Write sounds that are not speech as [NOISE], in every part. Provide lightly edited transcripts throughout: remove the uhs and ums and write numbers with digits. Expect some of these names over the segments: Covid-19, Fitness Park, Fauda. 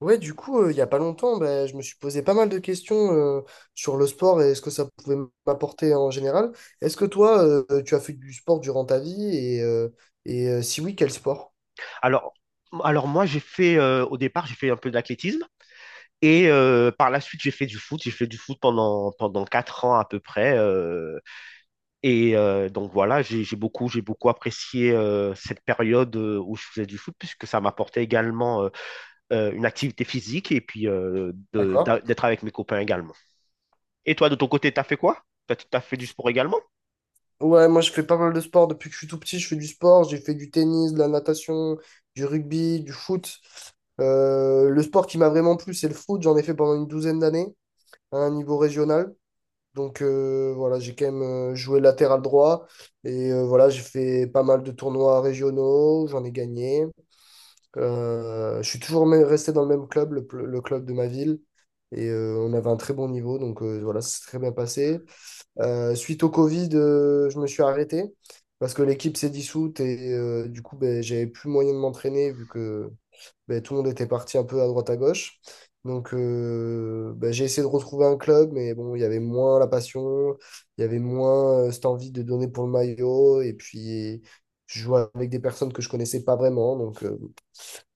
Ouais, du coup, il y a pas longtemps, ben, je me suis posé pas mal de questions sur le sport et ce que ça pouvait m'apporter en général. Est-ce que toi, tu as fait du sport durant ta vie et si oui, quel sport? Alors, alors, moi, au départ, j'ai fait un peu d'athlétisme. Et par la suite, j'ai fait du foot. J'ai fait du foot pendant 4 ans à peu près. Donc voilà, j'ai beaucoup apprécié cette période, où je faisais du foot, puisque ça m'apportait également une activité physique et puis D'accord. D'être avec mes copains également. Et toi, de ton côté, t'as fait quoi? T'as fait du sport également? Ouais, moi je fais pas mal de sport depuis que je suis tout petit. Je fais du sport, j'ai fait du tennis, de la natation, du rugby, du foot. Le sport qui m'a vraiment plu, c'est le foot. J'en ai fait pendant une douzaine d'années à un niveau régional. Donc voilà, j'ai quand même joué latéral droit et voilà, j'ai fait pas mal de tournois régionaux, j'en ai gagné. Je suis toujours resté dans le même club, le club de ma ville, et on avait un très bon niveau, donc voilà, ça s'est très bien passé. Suite au Covid, je me suis arrêté parce que l'équipe s'est dissoute et du coup, ben, j'avais plus moyen de m'entraîner vu que ben, tout le monde était parti un peu à droite à gauche. Donc, ben, j'ai essayé de retrouver un club, mais bon, il y avait moins la passion, il y avait moins cette envie de donner pour le maillot. Et puis, je jouais avec des personnes que je connaissais pas vraiment. Donc,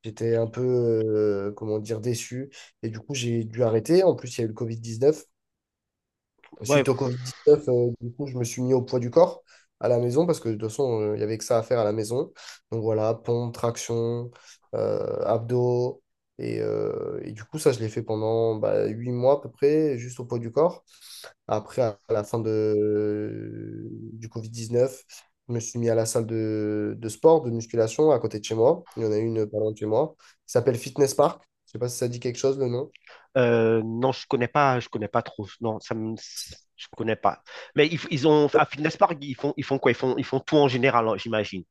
j'étais un peu, comment dire, déçu. Et du coup, j'ai dû arrêter. En plus, il y a eu le Covid-19. Ouais, Suite au Covid-19, du coup, je me suis mis au poids du corps à la maison parce que de toute façon, il y avait que ça à faire à la maison. Donc voilà, pompe, traction, abdos. Et du coup, ça, je l'ai fait pendant bah, 8 mois à peu près, juste au poids du corps. Après, à la fin du Covid-19, je me suis mis à la salle de sport, de musculation à côté de chez moi. Il y en a une pas loin de chez moi. Ça s'appelle Fitness Park. Je sais pas si ça dit quelque chose, le nom. Non, je connais pas trop. Non, je connais pas. Mais ils ont à Fitness Park, ils font quoi? Ils font tout en général, hein, j'imagine.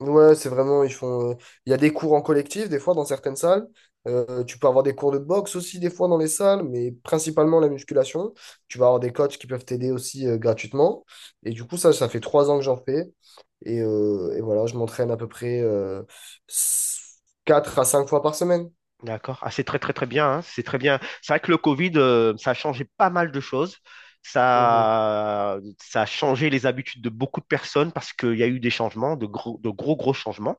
Ouais, c'est vraiment, ils font. Il y a des cours en collectif, des fois, dans certaines salles. Tu peux avoir des cours de boxe aussi, des fois, dans les salles, mais principalement la musculation. Tu vas avoir des coachs qui peuvent t'aider aussi gratuitement. Et du coup, ça fait 3 ans que j'en fais. Et voilà, je m'entraîne à peu près s- 4 à 5 fois par semaine. D'accord. Ah, c'est très, très, très bien, hein. C'est très bien. C'est vrai que le Covid, ça a changé pas mal de choses. Mhm. Ça a changé les habitudes de beaucoup de personnes parce qu'il y a eu des changements, de gros, gros changements.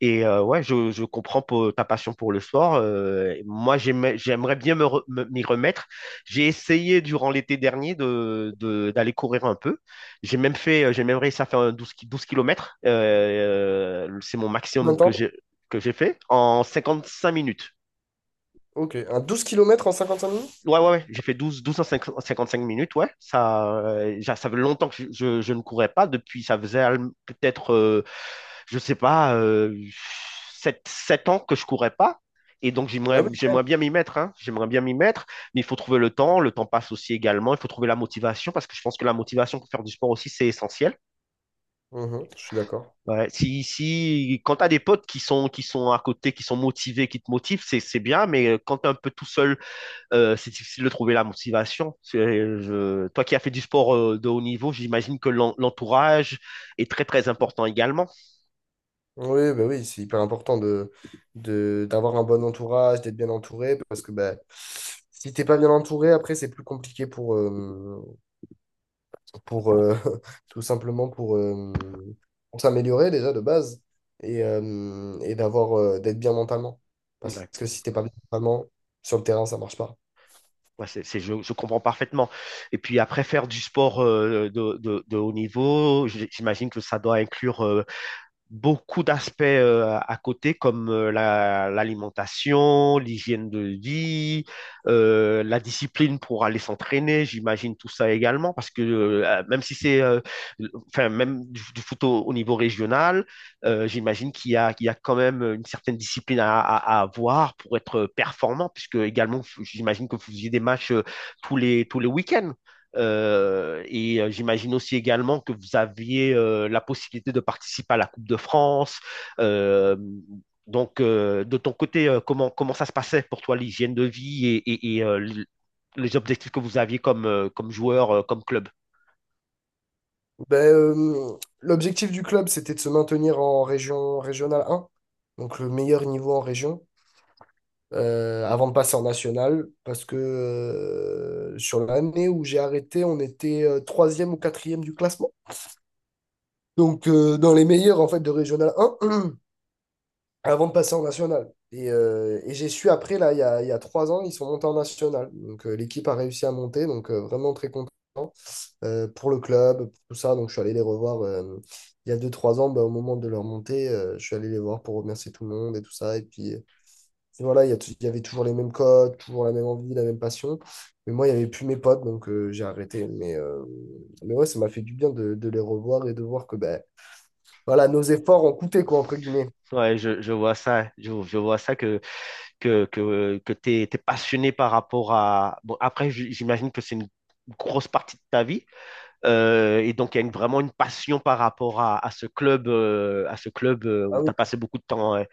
Et ouais, je comprends ta passion pour le sport. Moi, j'aimerais bien m'y remettre. J'ai essayé durant l'été dernier d'aller courir un peu. J'ai même réussi à faire un 12 km. C'est mon Combien maximum de que temps? j'ai, que j'ai fait en 55 minutes. Ok. Un 12 kilomètres en 55 minutes? Ouais, ouais, ouais. J'ai fait douze à 55 minutes, ouais. Ça fait longtemps que je ne courais pas. Depuis, ça faisait peut-être, je sais pas, 7 7 ans que je courais pas. Et donc, Ah j'aimerais, oui. j'aimerais bien m'y mettre, hein. J'aimerais bien m'y mettre. Mais il faut trouver le temps. Le temps passe aussi également. Il faut trouver la motivation parce que je pense que la motivation pour faire du sport aussi, c'est essentiel. Mhm, je suis d'accord. Ouais. Si, quand t'as des potes qui sont à côté, qui sont motivés, qui te motivent, c'est bien. Mais quand t'es un peu tout seul, c'est difficile de trouver la motivation. Toi qui as fait du sport de haut niveau, j'imagine que l'entourage est très très important également. Oui, bah oui, c'est hyper important d'avoir un bon entourage, d'être bien entouré, parce que bah, si t'es pas bien entouré, après, c'est plus compliqué pour [LAUGHS] tout simplement pour s'améliorer déjà de base et d'avoir, d'être bien mentalement. Parce que D'accord. si t'es pas bien mentalement, sur le terrain, ça marche pas. Ouais, je comprends parfaitement. Et puis après, faire du sport de haut niveau, j'imagine que ça doit inclure beaucoup d'aspects à côté comme l'alimentation, l'hygiène de vie, la discipline pour aller s'entraîner, j'imagine tout ça également parce que même si c'est enfin même du foot au niveau régional, j'imagine qu'il y a quand même une certaine discipline à avoir pour être performant, puisque également j'imagine que vous faisiez des matchs tous les week-ends. Et j'imagine aussi également que vous aviez la possibilité de participer à la Coupe de France. Euh, donc, de ton côté, comment ça se passait pour toi, l'hygiène de vie les objectifs que vous aviez comme joueur, comme club? Ben, l'objectif du club, c'était de se maintenir en région régionale 1, donc le meilleur niveau en région. Avant de passer en national, parce que sur l'année où j'ai arrêté, on était troisième ou quatrième du classement. Donc dans les meilleurs en fait de Régional 1, [CLEARS THROAT] avant de passer en national. Et j'ai su après, là, il y a 3 ans, ils sont montés en national. Donc l'équipe a réussi à monter, donc vraiment très content pour le club, pour tout ça. Donc je suis allé les revoir il y a deux, trois ans, bah, au moment de leur montée, je suis allé les voir pour remercier tout le monde et tout ça. Et puis et voilà, il y avait toujours les mêmes codes, toujours la même envie, la même passion. Mais moi, il n'y avait plus mes potes, donc j'ai arrêté. Mais ouais, ça m'a fait du bien de les revoir et de voir que ben, voilà, nos efforts ont coûté, quoi, entre guillemets. Ouais, je vois ça, je vois ça que tu es passionné par rapport à... Bon, après, j'imagine que c'est une grosse partie de ta vie. Et donc, il y a vraiment une passion par rapport à ce club où Ah tu oui, as passé beaucoup de temps.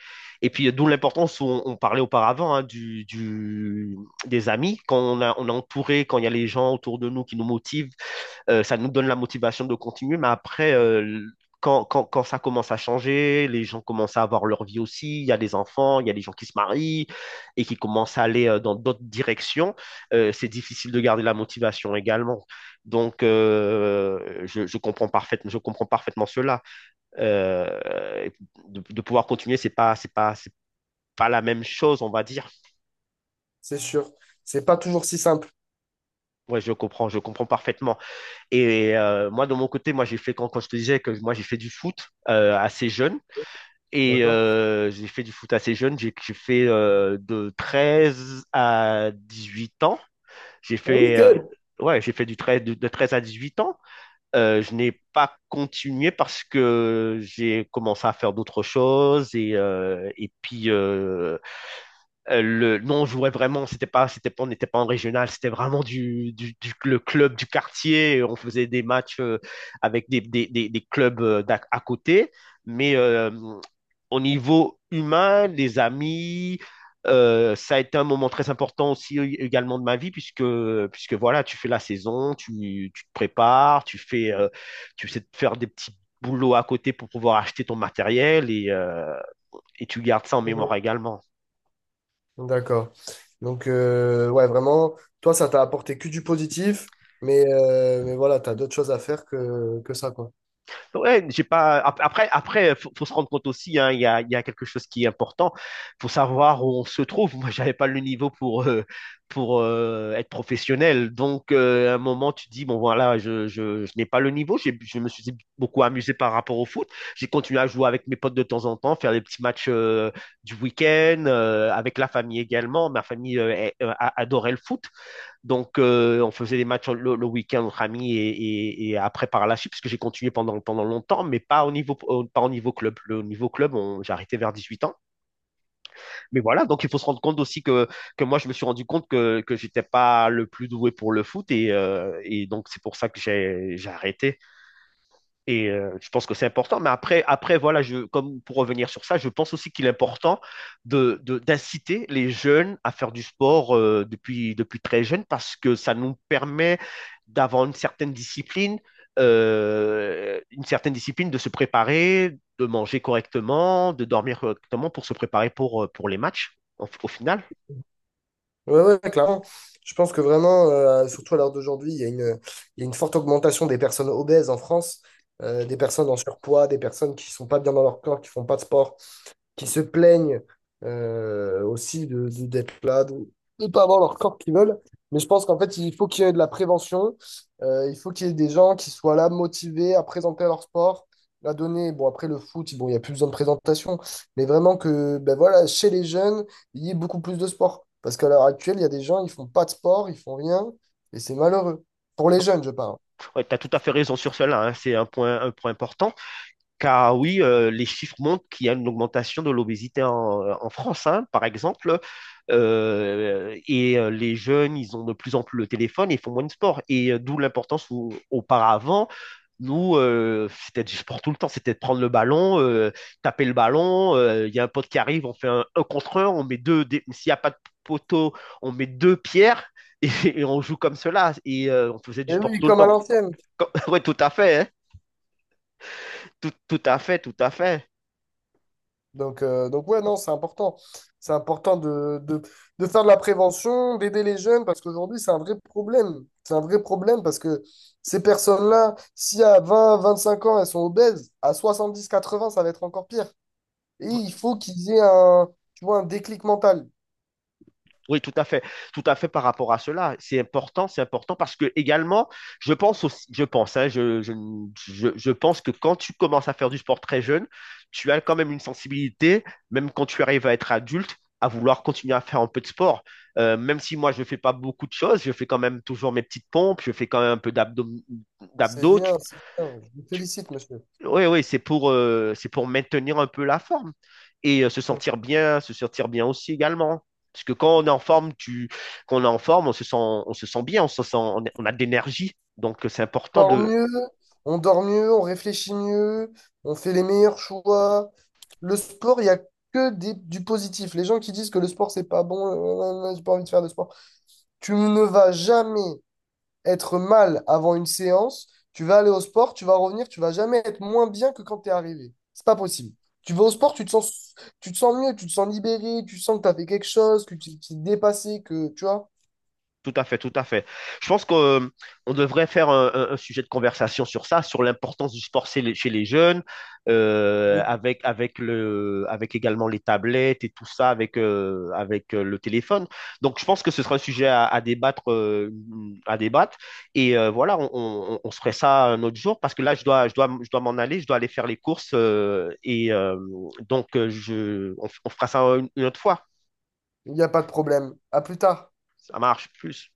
Et puis, d'où l'importance, où on parlait auparavant, hein, des amis. Quand on a entouré, quand il y a les gens autour de nous qui nous motivent, ça nous donne la motivation de continuer, mais après, quand ça commence à changer, les gens commencent à avoir leur vie aussi, il y a des enfants, il y a des gens qui se marient et qui commencent à aller dans d'autres directions, c'est difficile de garder la motivation également. Donc, je comprends parfaitement, je comprends parfaitement cela. Euh, de pouvoir continuer, c'est pas la même chose, on va dire. c'est sûr. C'est pas toujours si simple. Ouais, je comprends parfaitement. Et moi, de mon côté, moi, quand je te disais que moi, j'ai fait du foot assez jeune. Et D'accord? J'ai fait du foot assez jeune. J'ai fait, de 13 à 18 ans. J'ai Ah oui, fait, euh, quel? ouais, j'ai fait du 13 de 13 à 8 ans. Je n'ai pas continué parce que j'ai commencé à faire d'autres choses. Non, on jouait vraiment, c'était pas, on n'était pas en régional, c'était vraiment le club du quartier. On faisait des matchs avec des clubs à côté. Mais au niveau humain, les amis, ça a été un moment très important aussi également de ma vie, puisque voilà, tu fais la saison, tu te prépares, tu essaies de faire des petits boulots à côté pour pouvoir acheter ton matériel, et tu gardes ça en Mhm. mémoire également. D'accord. Donc, ouais, vraiment, toi, ça t'a apporté que du positif, mais voilà, t'as d'autres choses à faire que ça, quoi. Ouais, j'ai pas. Après, faut se rendre compte aussi, hein, il y a quelque chose qui est important. Faut savoir où on se trouve. Moi, j'avais pas le niveau pour être professionnel. Donc, à un moment, tu dis, bon voilà, je n'ai pas le niveau. Je me suis beaucoup amusé par rapport au foot. J'ai continué à jouer avec mes potes de temps en temps, faire des petits matchs du week-end avec la famille également. Ma famille adorait le foot. Donc, on faisait des matchs le week-end entre amis, et après par la suite, parce que j'ai continué pendant longtemps, mais pas au niveau, pas au niveau club. Le niveau club, j'ai arrêté vers 18 ans. Mais voilà, donc il faut se rendre compte aussi que moi, je me suis rendu compte que j'étais pas le plus doué pour le foot, et donc c'est pour ça que j'ai arrêté. Et je pense que c'est important. Mais après voilà, comme pour revenir sur ça, je pense aussi qu'il est important d'inciter les jeunes à faire du sport depuis très jeune parce que ça nous permet d'avoir une certaine discipline de se préparer, de manger correctement, de dormir correctement, pour se préparer pour les matchs au final. Ouais, ouais, clairement. Je pense que vraiment, surtout à l'heure d'aujourd'hui, il y a une forte augmentation des personnes obèses en France, des personnes en surpoids, des personnes qui sont pas bien dans leur corps, qui font pas de sport, qui se plaignent aussi d'être là, de ne pas avoir leur corps qu'ils veulent. Mais je pense qu'en fait, il faut qu'il y ait de la prévention. Il faut qu'il y ait des gens qui soient là, motivés à présenter leur sport, à donner. Bon, après le foot, bon, il n'y a plus besoin de présentation. Mais vraiment que, ben voilà, chez les jeunes, il y ait beaucoup plus de sport. Parce qu'à l'heure actuelle, il y a des gens, ils font pas de sport, ils font rien. Et c'est malheureux. Pour les jeunes, je parle. Ouais, tu as tout à fait raison sur cela, hein. C'est un point important. Car oui, les chiffres montrent qu'il y a une augmentation de l'obésité en France, hein, par exemple. Et les jeunes, ils ont de plus en plus le téléphone et font moins de sport. Et d'où l'importance où, auparavant, nous, c'était du sport tout le temps, c'était de prendre le ballon, taper le ballon. Il y a un pote qui arrive, on fait un contre un, on met s'il n'y a pas de poteau, on met deux pierres et, [LAUGHS] et on joue comme cela. Et on faisait du Et sport oui, tout le comme à temps. l'ancienne. [LAUGHS] Oui, tout à fait, hein. Tout à fait, tout à fait. Donc, ouais, non, c'est important. C'est important de faire de la prévention, d'aider les jeunes, parce qu'aujourd'hui, c'est un vrai problème. C'est un vrai problème parce que ces personnes-là, si à 20-25 ans, elles sont obèses, à 70-80 ça va être encore pire. Et il faut qu'ils aient un, tu vois, un déclic mental. Oui, tout à fait par rapport à cela. C'est important parce que également, je pense aussi, je pense, hein, je pense que quand tu commences à faire du sport très jeune, tu as quand même une sensibilité, même quand tu arrives à être adulte, à vouloir continuer à faire un peu de sport. Même si moi, je ne fais pas beaucoup de choses, je fais quand même toujours mes petites pompes, je fais quand même un peu d'abdos, C'est d'abdos. bien, c'est bien. Je vous félicite, monsieur. Oui, oui, c'est pour maintenir un peu la forme et se sentir bien aussi également. Parce que quand on est en forme, quand on est en forme, on se sent bien, on se sent, on a de l'énergie. Donc, c'est important dort de, mieux, on dort mieux, on réfléchit mieux, on fait les meilleurs choix. Le sport, il n'y a que du positif. Les gens qui disent que le sport, c'est pas bon, j'ai pas envie de faire de sport. Tu ne vas jamais être mal avant une séance. Tu vas aller au sport, tu vas revenir, tu vas jamais être moins bien que quand tu es arrivé. C'est pas possible. Tu vas au sport, tu te sens mieux, tu te sens libéré, tu sens que tu as fait quelque chose, que tu t'es dépassé, que tu vois, tout à fait, tout à fait. Je pense qu'on devrait faire un sujet de conversation sur ça, sur l'importance du sport chez les jeunes, avec également les tablettes et tout ça, avec le téléphone. Donc, je pense que ce sera un sujet à débattre, à débattre. Et voilà, on se ferait ça un autre jour parce que là, je dois m'en aller, je dois aller faire les courses. On fera ça une autre fois. il n'y a pas de problème. À plus tard. Ça marche plus.